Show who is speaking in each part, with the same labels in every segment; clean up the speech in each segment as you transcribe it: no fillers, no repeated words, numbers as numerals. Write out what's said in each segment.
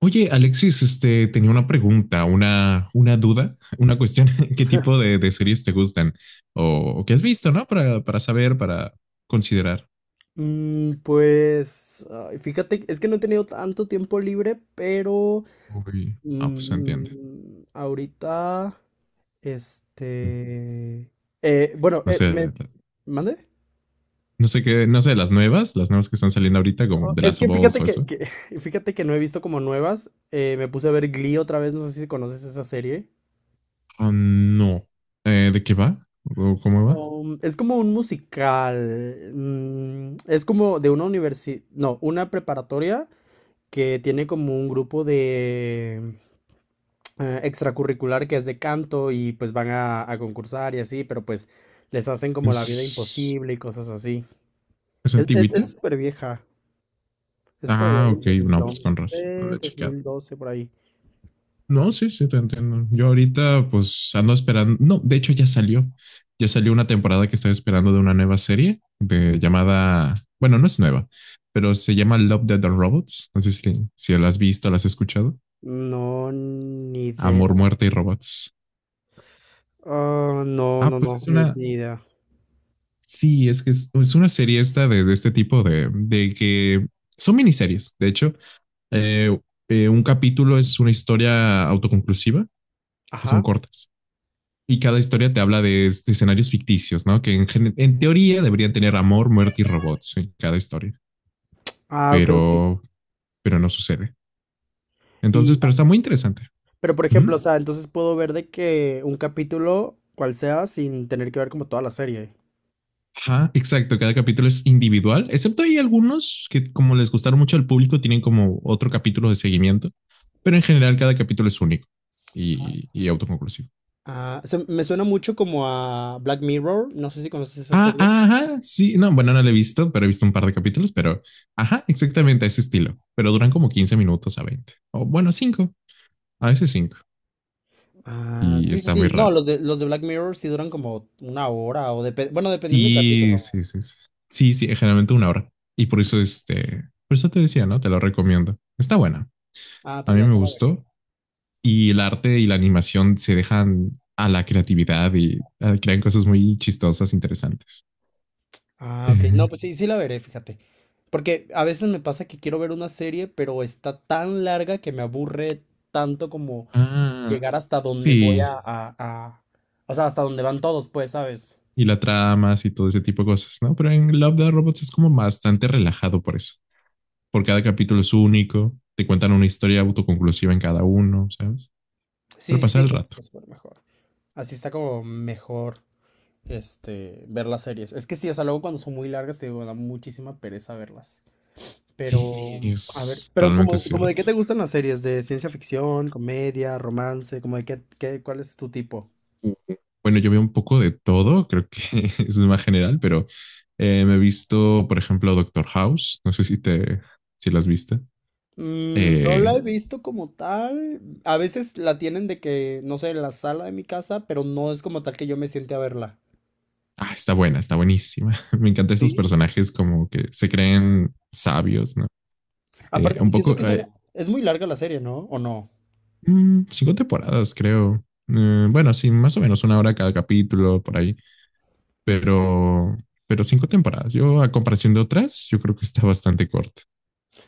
Speaker 1: Oye, Alexis, tenía una pregunta, una duda, una cuestión. ¿Qué tipo de series te gustan? O qué has visto, ¿no? Para saber, para considerar.
Speaker 2: Pues, ay, fíjate, es que no he tenido tanto tiempo libre, pero
Speaker 1: Uy, pues se entiende.
Speaker 2: mm, ahorita, este, bueno,
Speaker 1: No sé,
Speaker 2: me, ¿mande?
Speaker 1: no sé, las nuevas que están saliendo ahorita, como
Speaker 2: Oh,
Speaker 1: de
Speaker 2: Es
Speaker 1: las
Speaker 2: que
Speaker 1: of Us
Speaker 2: fíjate
Speaker 1: o eso.
Speaker 2: fíjate que no he visto como nuevas. Me puse a ver Glee otra vez, no sé si conoces esa serie.
Speaker 1: Ah, no. ¿De qué va? ¿O cómo va?
Speaker 2: Es como un musical. Es como de una universidad, no, una preparatoria que tiene como un grupo extracurricular que es de canto y pues van a concursar y así, pero pues les hacen como la vida
Speaker 1: ¿Es,
Speaker 2: imposible y cosas así.
Speaker 1: es antigüita?
Speaker 2: Es súper vieja, es por allá
Speaker 1: Ah,
Speaker 2: del
Speaker 1: ok,
Speaker 2: dos mil
Speaker 1: no, pues con razón, no
Speaker 2: once
Speaker 1: lo he
Speaker 2: dos
Speaker 1: checado.
Speaker 2: mil doce por ahí.
Speaker 1: No, sí, sí, te entiendo. Yo ahorita pues ando esperando, no, de hecho ya salió, una temporada que estoy esperando de una nueva serie de llamada, bueno, no es nueva, pero se llama Love, Death and Robots. No sé si la has visto, la has escuchado.
Speaker 2: No, ni
Speaker 1: Amor,
Speaker 2: idea.
Speaker 1: muerte y robots.
Speaker 2: Ah, no,
Speaker 1: Ah,
Speaker 2: no,
Speaker 1: pues
Speaker 2: no,
Speaker 1: es una,
Speaker 2: ni idea.
Speaker 1: sí, es que es una serie esta de este tipo de que son miniseries. De hecho, Eh, un capítulo es una historia autoconclusiva, que son
Speaker 2: Ajá.
Speaker 1: cortas. Y cada historia te habla de escenarios ficticios, ¿no? Que en teoría deberían tener amor, muerte y robots en cada historia,
Speaker 2: Ah, ok, ok.
Speaker 1: pero, pero no sucede.
Speaker 2: Y,
Speaker 1: Entonces, pero
Speaker 2: ah,
Speaker 1: está muy interesante.
Speaker 2: pero por
Speaker 1: ¿Mm?
Speaker 2: ejemplo, o sea, entonces puedo ver de que un capítulo, cual sea, sin tener que ver como toda la serie.
Speaker 1: Ajá, exacto. Cada capítulo es individual, excepto hay algunos que, como les gustaron mucho al público, tienen como otro capítulo de seguimiento, pero en general cada capítulo es único y autoconclusivo.
Speaker 2: Me suena mucho como a Black Mirror, no sé si conoces esa
Speaker 1: Ah,
Speaker 2: serie.
Speaker 1: ajá, sí, no, bueno, no lo he visto, pero he visto un par de capítulos, pero ajá, exactamente a ese estilo, pero duran como 15 minutos a 20. O bueno, 5. A veces 5.
Speaker 2: Ah,
Speaker 1: Y
Speaker 2: sí, sí,
Speaker 1: está muy
Speaker 2: sí. No,
Speaker 1: raro.
Speaker 2: los de Black Mirror sí duran como una hora o bueno, dependiendo del
Speaker 1: Sí,
Speaker 2: capítulo.
Speaker 1: sí, sí. Sí, sí, sí, generalmente 1 hora. Y por eso, por eso te decía, ¿no? Te lo recomiendo. Está buena.
Speaker 2: Ah,
Speaker 1: A
Speaker 2: pues
Speaker 1: mí
Speaker 2: ya,
Speaker 1: me
Speaker 2: ya la veré.
Speaker 1: gustó. Y el arte y la animación se dejan a la creatividad y crean cosas muy chistosas, interesantes.
Speaker 2: Ah, ok.
Speaker 1: Eh,
Speaker 2: No, pues sí, sí la veré, fíjate. Porque a veces me pasa que quiero ver una serie, pero está tan larga que me aburre tanto como
Speaker 1: ah,
Speaker 2: llegar hasta donde voy
Speaker 1: sí.
Speaker 2: o sea, hasta donde van todos, pues, ¿sabes?
Speaker 1: Y la tramas y todo ese tipo de cosas, ¿no? Pero en Love the Robots es como bastante relajado por eso. Porque cada capítulo es único. Te cuentan una historia autoconclusiva en cada uno, ¿sabes?
Speaker 2: Sí,
Speaker 1: Para
Speaker 2: sí,
Speaker 1: pasar
Speaker 2: sí,
Speaker 1: el
Speaker 2: pues
Speaker 1: rato.
Speaker 2: está súper mejor. Así está como mejor, ver las series. Es que sí, o sea, luego cuando son muy largas, te digo, me da muchísima pereza verlas.
Speaker 1: Sí,
Speaker 2: Pero, a ver,
Speaker 1: es
Speaker 2: pero
Speaker 1: realmente
Speaker 2: como de
Speaker 1: cierto.
Speaker 2: qué te gustan las series, de ciencia ficción, comedia, romance, como de cuál es tu tipo.
Speaker 1: Uh, Bueno, yo veo un poco de todo, creo que es más general, pero me he visto, por ejemplo, Doctor House, no sé si las viste.
Speaker 2: Mm, no la
Speaker 1: Eh,
Speaker 2: he visto como tal. A veces la tienen de que, no sé, en la sala de mi casa, pero no es como tal que yo me siente a verla.
Speaker 1: Está buena, está buenísima. Me encantan esos
Speaker 2: Sí.
Speaker 1: personajes como que se creen sabios, ¿no?
Speaker 2: Aparte,
Speaker 1: Un
Speaker 2: siento
Speaker 1: poco.
Speaker 2: que
Speaker 1: eh,
Speaker 2: es muy larga la serie, ¿no? ¿O no?
Speaker 1: mm, cinco temporadas, creo. Bueno, sí, más o menos 1 hora cada capítulo, por ahí, pero, pero cinco temporadas. Yo, a comparación de otras, yo creo que está bastante corta.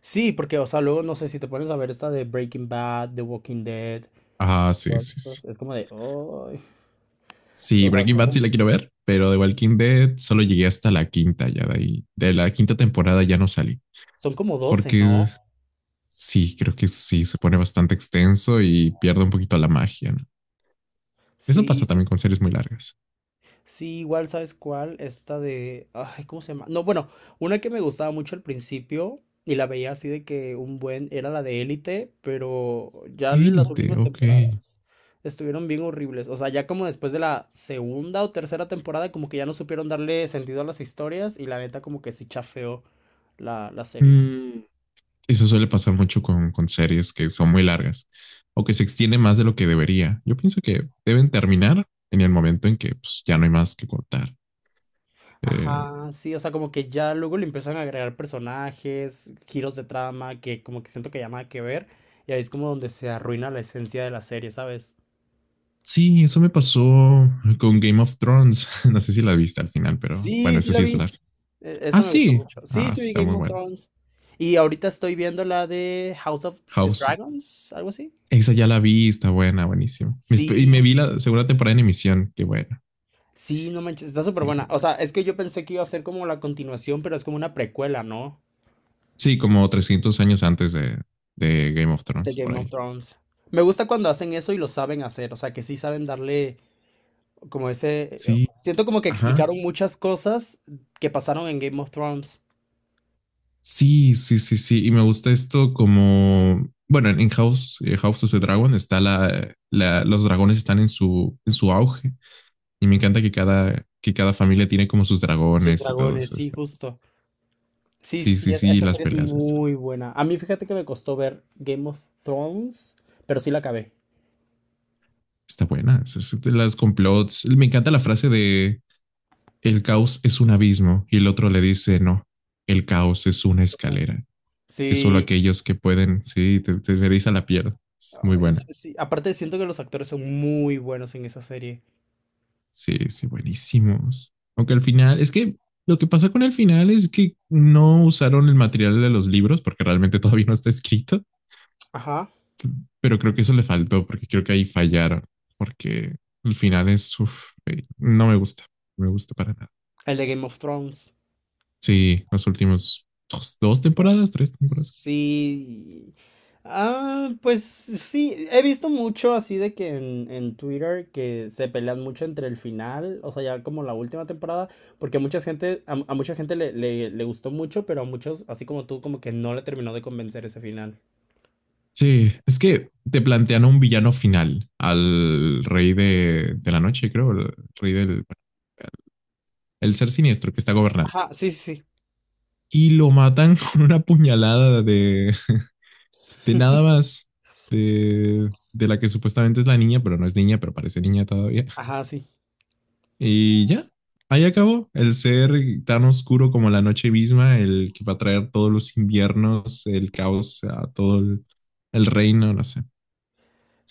Speaker 2: Sí, porque, o sea, luego no sé si te pones a ver esta de Breaking Bad, The Walking Dead,
Speaker 1: Ah, sí,
Speaker 2: todas
Speaker 1: sí, sí.
Speaker 2: estas, es como de, "Ay".
Speaker 1: Sí,
Speaker 2: O sea,
Speaker 1: Breaking
Speaker 2: son
Speaker 1: Bad sí
Speaker 2: como,
Speaker 1: la quiero ver, pero de Walking Dead solo llegué hasta la quinta ya de ahí. De la quinta temporada ya no salí,
Speaker 2: Son como doce,
Speaker 1: porque
Speaker 2: ¿no?
Speaker 1: sí, creo que sí, se pone bastante extenso y pierde un poquito la magia, ¿no? Eso
Speaker 2: Sí,
Speaker 1: pasa
Speaker 2: sí.
Speaker 1: también con series muy largas.
Speaker 2: Sí, igual, ¿sabes cuál? Esta de… Ay, ¿cómo se llama? No, bueno, una que me gustaba mucho al principio y la veía así de que un buen… Era la de Élite, pero ya las
Speaker 1: Élite,
Speaker 2: últimas
Speaker 1: ok.
Speaker 2: temporadas estuvieron bien horribles. O sea, ya como después de la segunda o tercera temporada, como que ya no supieron darle sentido a las historias y la neta como que sí chafeó la serie.
Speaker 1: Mm, Eso suele pasar mucho con series que son muy largas o que se extiende más de lo que debería. Yo pienso que deben terminar en el momento en que pues, ya no hay más que cortar. Eh,
Speaker 2: Ajá, sí, o sea, como que ya luego le empiezan a agregar personajes, giros de trama, que como que siento que ya nada que ver, y ahí es como donde se arruina la esencia de la serie, ¿sabes?
Speaker 1: Sí, eso me pasó con Game of Thrones. No sé si la viste al final, pero bueno,
Speaker 2: Sí, sí
Speaker 1: eso
Speaker 2: la
Speaker 1: sí es
Speaker 2: vi.
Speaker 1: largo.
Speaker 2: Esa
Speaker 1: Ah,
Speaker 2: me gustó
Speaker 1: sí.
Speaker 2: mucho. Sí,
Speaker 1: Ah,
Speaker 2: sí
Speaker 1: sí,
Speaker 2: vi
Speaker 1: está
Speaker 2: Game
Speaker 1: muy
Speaker 2: of
Speaker 1: buena.
Speaker 2: Thrones. Y ahorita estoy viendo la de House of the
Speaker 1: House,
Speaker 2: Dragons, algo así.
Speaker 1: esa ya la vi, está buena, buenísima. Y me
Speaker 2: Sí,
Speaker 1: vi la segunda temporada en emisión. Qué bueno,
Speaker 2: sí, no manches, está súper
Speaker 1: qué
Speaker 2: buena.
Speaker 1: bueno.
Speaker 2: O sea, es que yo pensé que iba a ser como la continuación, pero es como una precuela, ¿no?
Speaker 1: Sí, como 300 años antes de Game of
Speaker 2: De
Speaker 1: Thrones, por
Speaker 2: Game of
Speaker 1: ahí.
Speaker 2: Thrones. Me gusta cuando hacen eso y lo saben hacer, o sea, que sí saben darle. Como ese…
Speaker 1: Sí,
Speaker 2: Siento como que
Speaker 1: ajá.
Speaker 2: explicaron muchas cosas que pasaron en Game of Thrones.
Speaker 1: Sí, sí, sí, sí. Y me gusta esto como, bueno, en House, House of the Dragon está los dragones están en en su auge. Y me encanta que cada familia tiene como sus
Speaker 2: Sus
Speaker 1: dragones y todo
Speaker 2: dragones,
Speaker 1: eso.
Speaker 2: sí, justo. Sí,
Speaker 1: Sí,
Speaker 2: sí,
Speaker 1: sí, sí,
Speaker 2: esa
Speaker 1: las
Speaker 2: serie es
Speaker 1: peleas.
Speaker 2: muy buena. A mí fíjate que me costó ver Game of Thrones, pero sí la acabé.
Speaker 1: Está buena. Eso es de las complots. Me encanta la frase de el caos es un abismo y el otro le dice, no, el caos es una escalera. Es solo
Speaker 2: Sí.
Speaker 1: aquellos que pueden, sí, te eriza la piel. Es muy
Speaker 2: Ay, sí,
Speaker 1: buena.
Speaker 2: sí. Aparte siento que los actores son muy buenos en esa serie.
Speaker 1: Sí, sí, buenísimos. Aunque al final, es que lo que pasa con el final es que no usaron el material de los libros porque realmente todavía no está escrito.
Speaker 2: Ajá.
Speaker 1: Pero creo que eso le faltó porque creo que ahí fallaron, porque el final es, uf, no me gusta, no me gusta para nada.
Speaker 2: El de Game of Thrones.
Speaker 1: Sí, los últimos dos temporadas,
Speaker 2: Pues,
Speaker 1: tres temporadas.
Speaker 2: sí. Ah, pues sí, he visto mucho así de que en Twitter que se pelean mucho entre el final, o sea, ya como la última temporada, porque mucha gente, a mucha gente le gustó mucho, pero a muchos, así como tú, como que no le terminó de convencer ese final.
Speaker 1: Sí, es que te plantean a un villano final, al rey de la noche, creo, el ser siniestro que está gobernando.
Speaker 2: Ajá, sí, sí, sí.
Speaker 1: Y lo matan con una puñalada de nada más, de la que supuestamente es la niña, pero no es niña, pero parece niña todavía.
Speaker 2: Ajá, sí.
Speaker 1: Y ya, ahí acabó. El ser tan oscuro como la noche misma, el que va a traer todos los inviernos, el caos a el reino, no sé.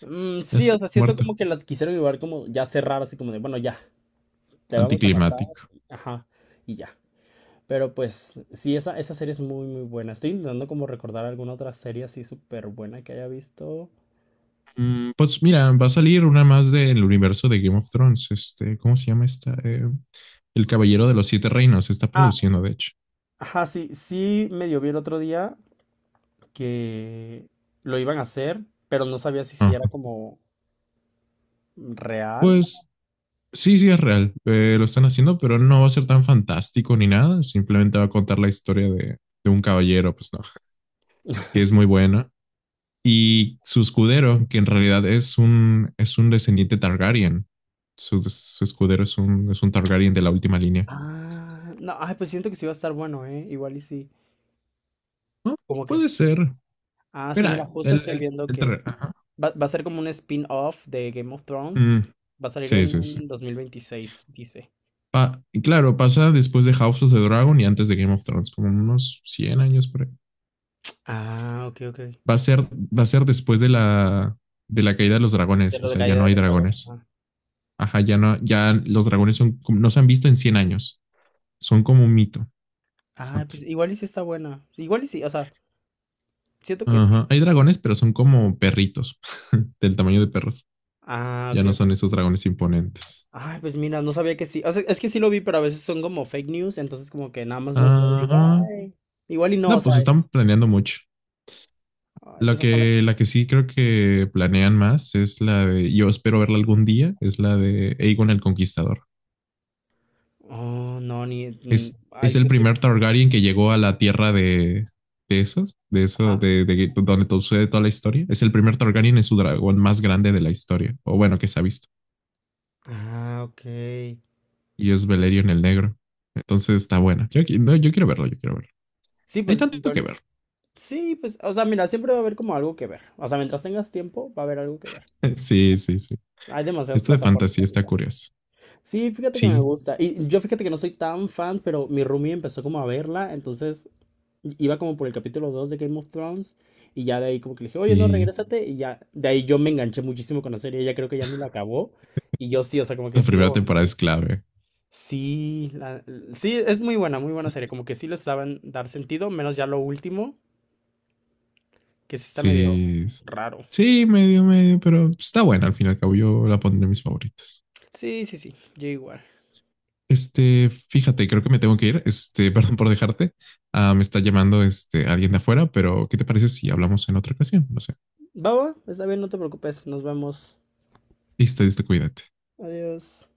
Speaker 2: Mm,
Speaker 1: Y
Speaker 2: sí, o
Speaker 1: así,
Speaker 2: sea, siento como
Speaker 1: muerto,
Speaker 2: que la quisieron llevar como ya cerrar, así como de, bueno, ya, te vamos a matar,
Speaker 1: anticlimático.
Speaker 2: ajá, y ya. Pero pues sí, esa serie es muy, muy buena. Estoy intentando como recordar alguna otra serie así súper buena que haya visto.
Speaker 1: Pues mira, va a salir una más del universo de Game of Thrones. ¿Cómo se llama esta? El Caballero de los Siete Reinos. Se está
Speaker 2: Ah,
Speaker 1: produciendo, de hecho.
Speaker 2: ajá, sí, sí medio vi el otro día que lo iban a hacer, pero no sabía si
Speaker 1: Ajá.
Speaker 2: era como real.
Speaker 1: Pues sí, sí es real. Lo están haciendo, pero no va a ser tan fantástico ni nada. Simplemente va a contar la historia de un caballero, pues no, que es muy buena. Y su escudero, que en realidad es un descendiente Targaryen. Su escudero es un Targaryen de la última línea.
Speaker 2: Ah, no, ay, pues siento que sí va a estar bueno, ¿eh? Igual y sí.
Speaker 1: Ah,
Speaker 2: Como que
Speaker 1: puede
Speaker 2: sí.
Speaker 1: ser.
Speaker 2: Ah, sí, mira,
Speaker 1: Mira,
Speaker 2: justo estoy viendo
Speaker 1: el
Speaker 2: que
Speaker 1: Targaryen. Ajá.
Speaker 2: va a ser como un spin-off de Game of Thrones.
Speaker 1: Mm,
Speaker 2: Va a salir
Speaker 1: sí, sí, sí.
Speaker 2: en 2026, dice.
Speaker 1: Y claro, pasa después de House of the Dragon y antes de Game of Thrones, como unos 100 años por ahí.
Speaker 2: Ah, ok, ok.
Speaker 1: Va a ser, Va a ser después de de la caída de los
Speaker 2: De
Speaker 1: dragones, o
Speaker 2: lo de
Speaker 1: sea, ya
Speaker 2: caída
Speaker 1: no
Speaker 2: de
Speaker 1: hay
Speaker 2: los dragones.
Speaker 1: dragones. Ajá, ya no, ya los dragones son, no se han visto en 100 años, son como un mito.
Speaker 2: Ah, pues igual y sí está buena. Igual y sí, o sea, siento que sí.
Speaker 1: Ajá. Hay dragones, pero son como perritos, del tamaño de perros.
Speaker 2: Ah,
Speaker 1: Ya no son
Speaker 2: ok.
Speaker 1: esos dragones imponentes.
Speaker 2: Ah, pues mira, no sabía que sí. O sea, es que sí lo vi, pero a veces son como fake news, entonces como que nada más los veo y digo,
Speaker 1: Ajá.
Speaker 2: ay. Igual y no,
Speaker 1: No,
Speaker 2: o sea,
Speaker 1: pues están planeando mucho.
Speaker 2: ay, pues ojalá.
Speaker 1: La que sí creo que planean más es la de, yo espero verla algún día, es la de Aegon el Conquistador.
Speaker 2: Oh, no, ni. Ay,
Speaker 1: Es
Speaker 2: sí,
Speaker 1: el
Speaker 2: estoy-
Speaker 1: primer Targaryen que llegó a la tierra de esos, de eso,
Speaker 2: Ajá.
Speaker 1: de donde todo sucede toda la historia. Es el primer Targaryen, es su dragón más grande de la historia, o bueno, que se ha visto.
Speaker 2: Ah, ok.
Speaker 1: Y es Valerion el Negro. Entonces está buena. Yo, no, yo quiero verlo, yo quiero verlo.
Speaker 2: Sí,
Speaker 1: Hay
Speaker 2: pues
Speaker 1: tanto
Speaker 2: igual
Speaker 1: que ver.
Speaker 2: es. Sí, pues, o sea, mira, siempre va a haber como algo que ver. O sea, mientras tengas tiempo, va a haber algo que ver.
Speaker 1: Sí, sí, sí.
Speaker 2: Hay demasiadas
Speaker 1: Esto de
Speaker 2: plataformas
Speaker 1: fantasía está
Speaker 2: ahorita.
Speaker 1: curioso.
Speaker 2: Sí, fíjate que me
Speaker 1: Sí,
Speaker 2: gusta. Y yo fíjate que no soy tan fan, pero mi roomie empezó como a verla, entonces iba como por el capítulo 2 de Game of Thrones y ya de ahí como que le dije, oye, no,
Speaker 1: y
Speaker 2: regrésate y ya de ahí yo me enganché muchísimo con la serie, ella creo que ya ni la acabó y yo sí, o sea, como que
Speaker 1: la
Speaker 2: sí,
Speaker 1: primera
Speaker 2: o-
Speaker 1: temporada es clave.
Speaker 2: sí, la- sí, es muy buena serie, como que sí les saben dar sentido, menos ya lo último, que sí está medio
Speaker 1: Sí,
Speaker 2: raro.
Speaker 1: sí, medio, medio, pero está buena al fin y al cabo. Yo la pondré en mis favoritas.
Speaker 2: Sí, sí, sí, yo igual.
Speaker 1: Fíjate, creo que me tengo que ir. Perdón por dejarte. Ah, me está llamando alguien de afuera, pero ¿qué te parece si hablamos en otra ocasión? No sé.
Speaker 2: Baba, está bien, no te preocupes, nos vemos.
Speaker 1: Listo, listo, cuídate.
Speaker 2: Adiós.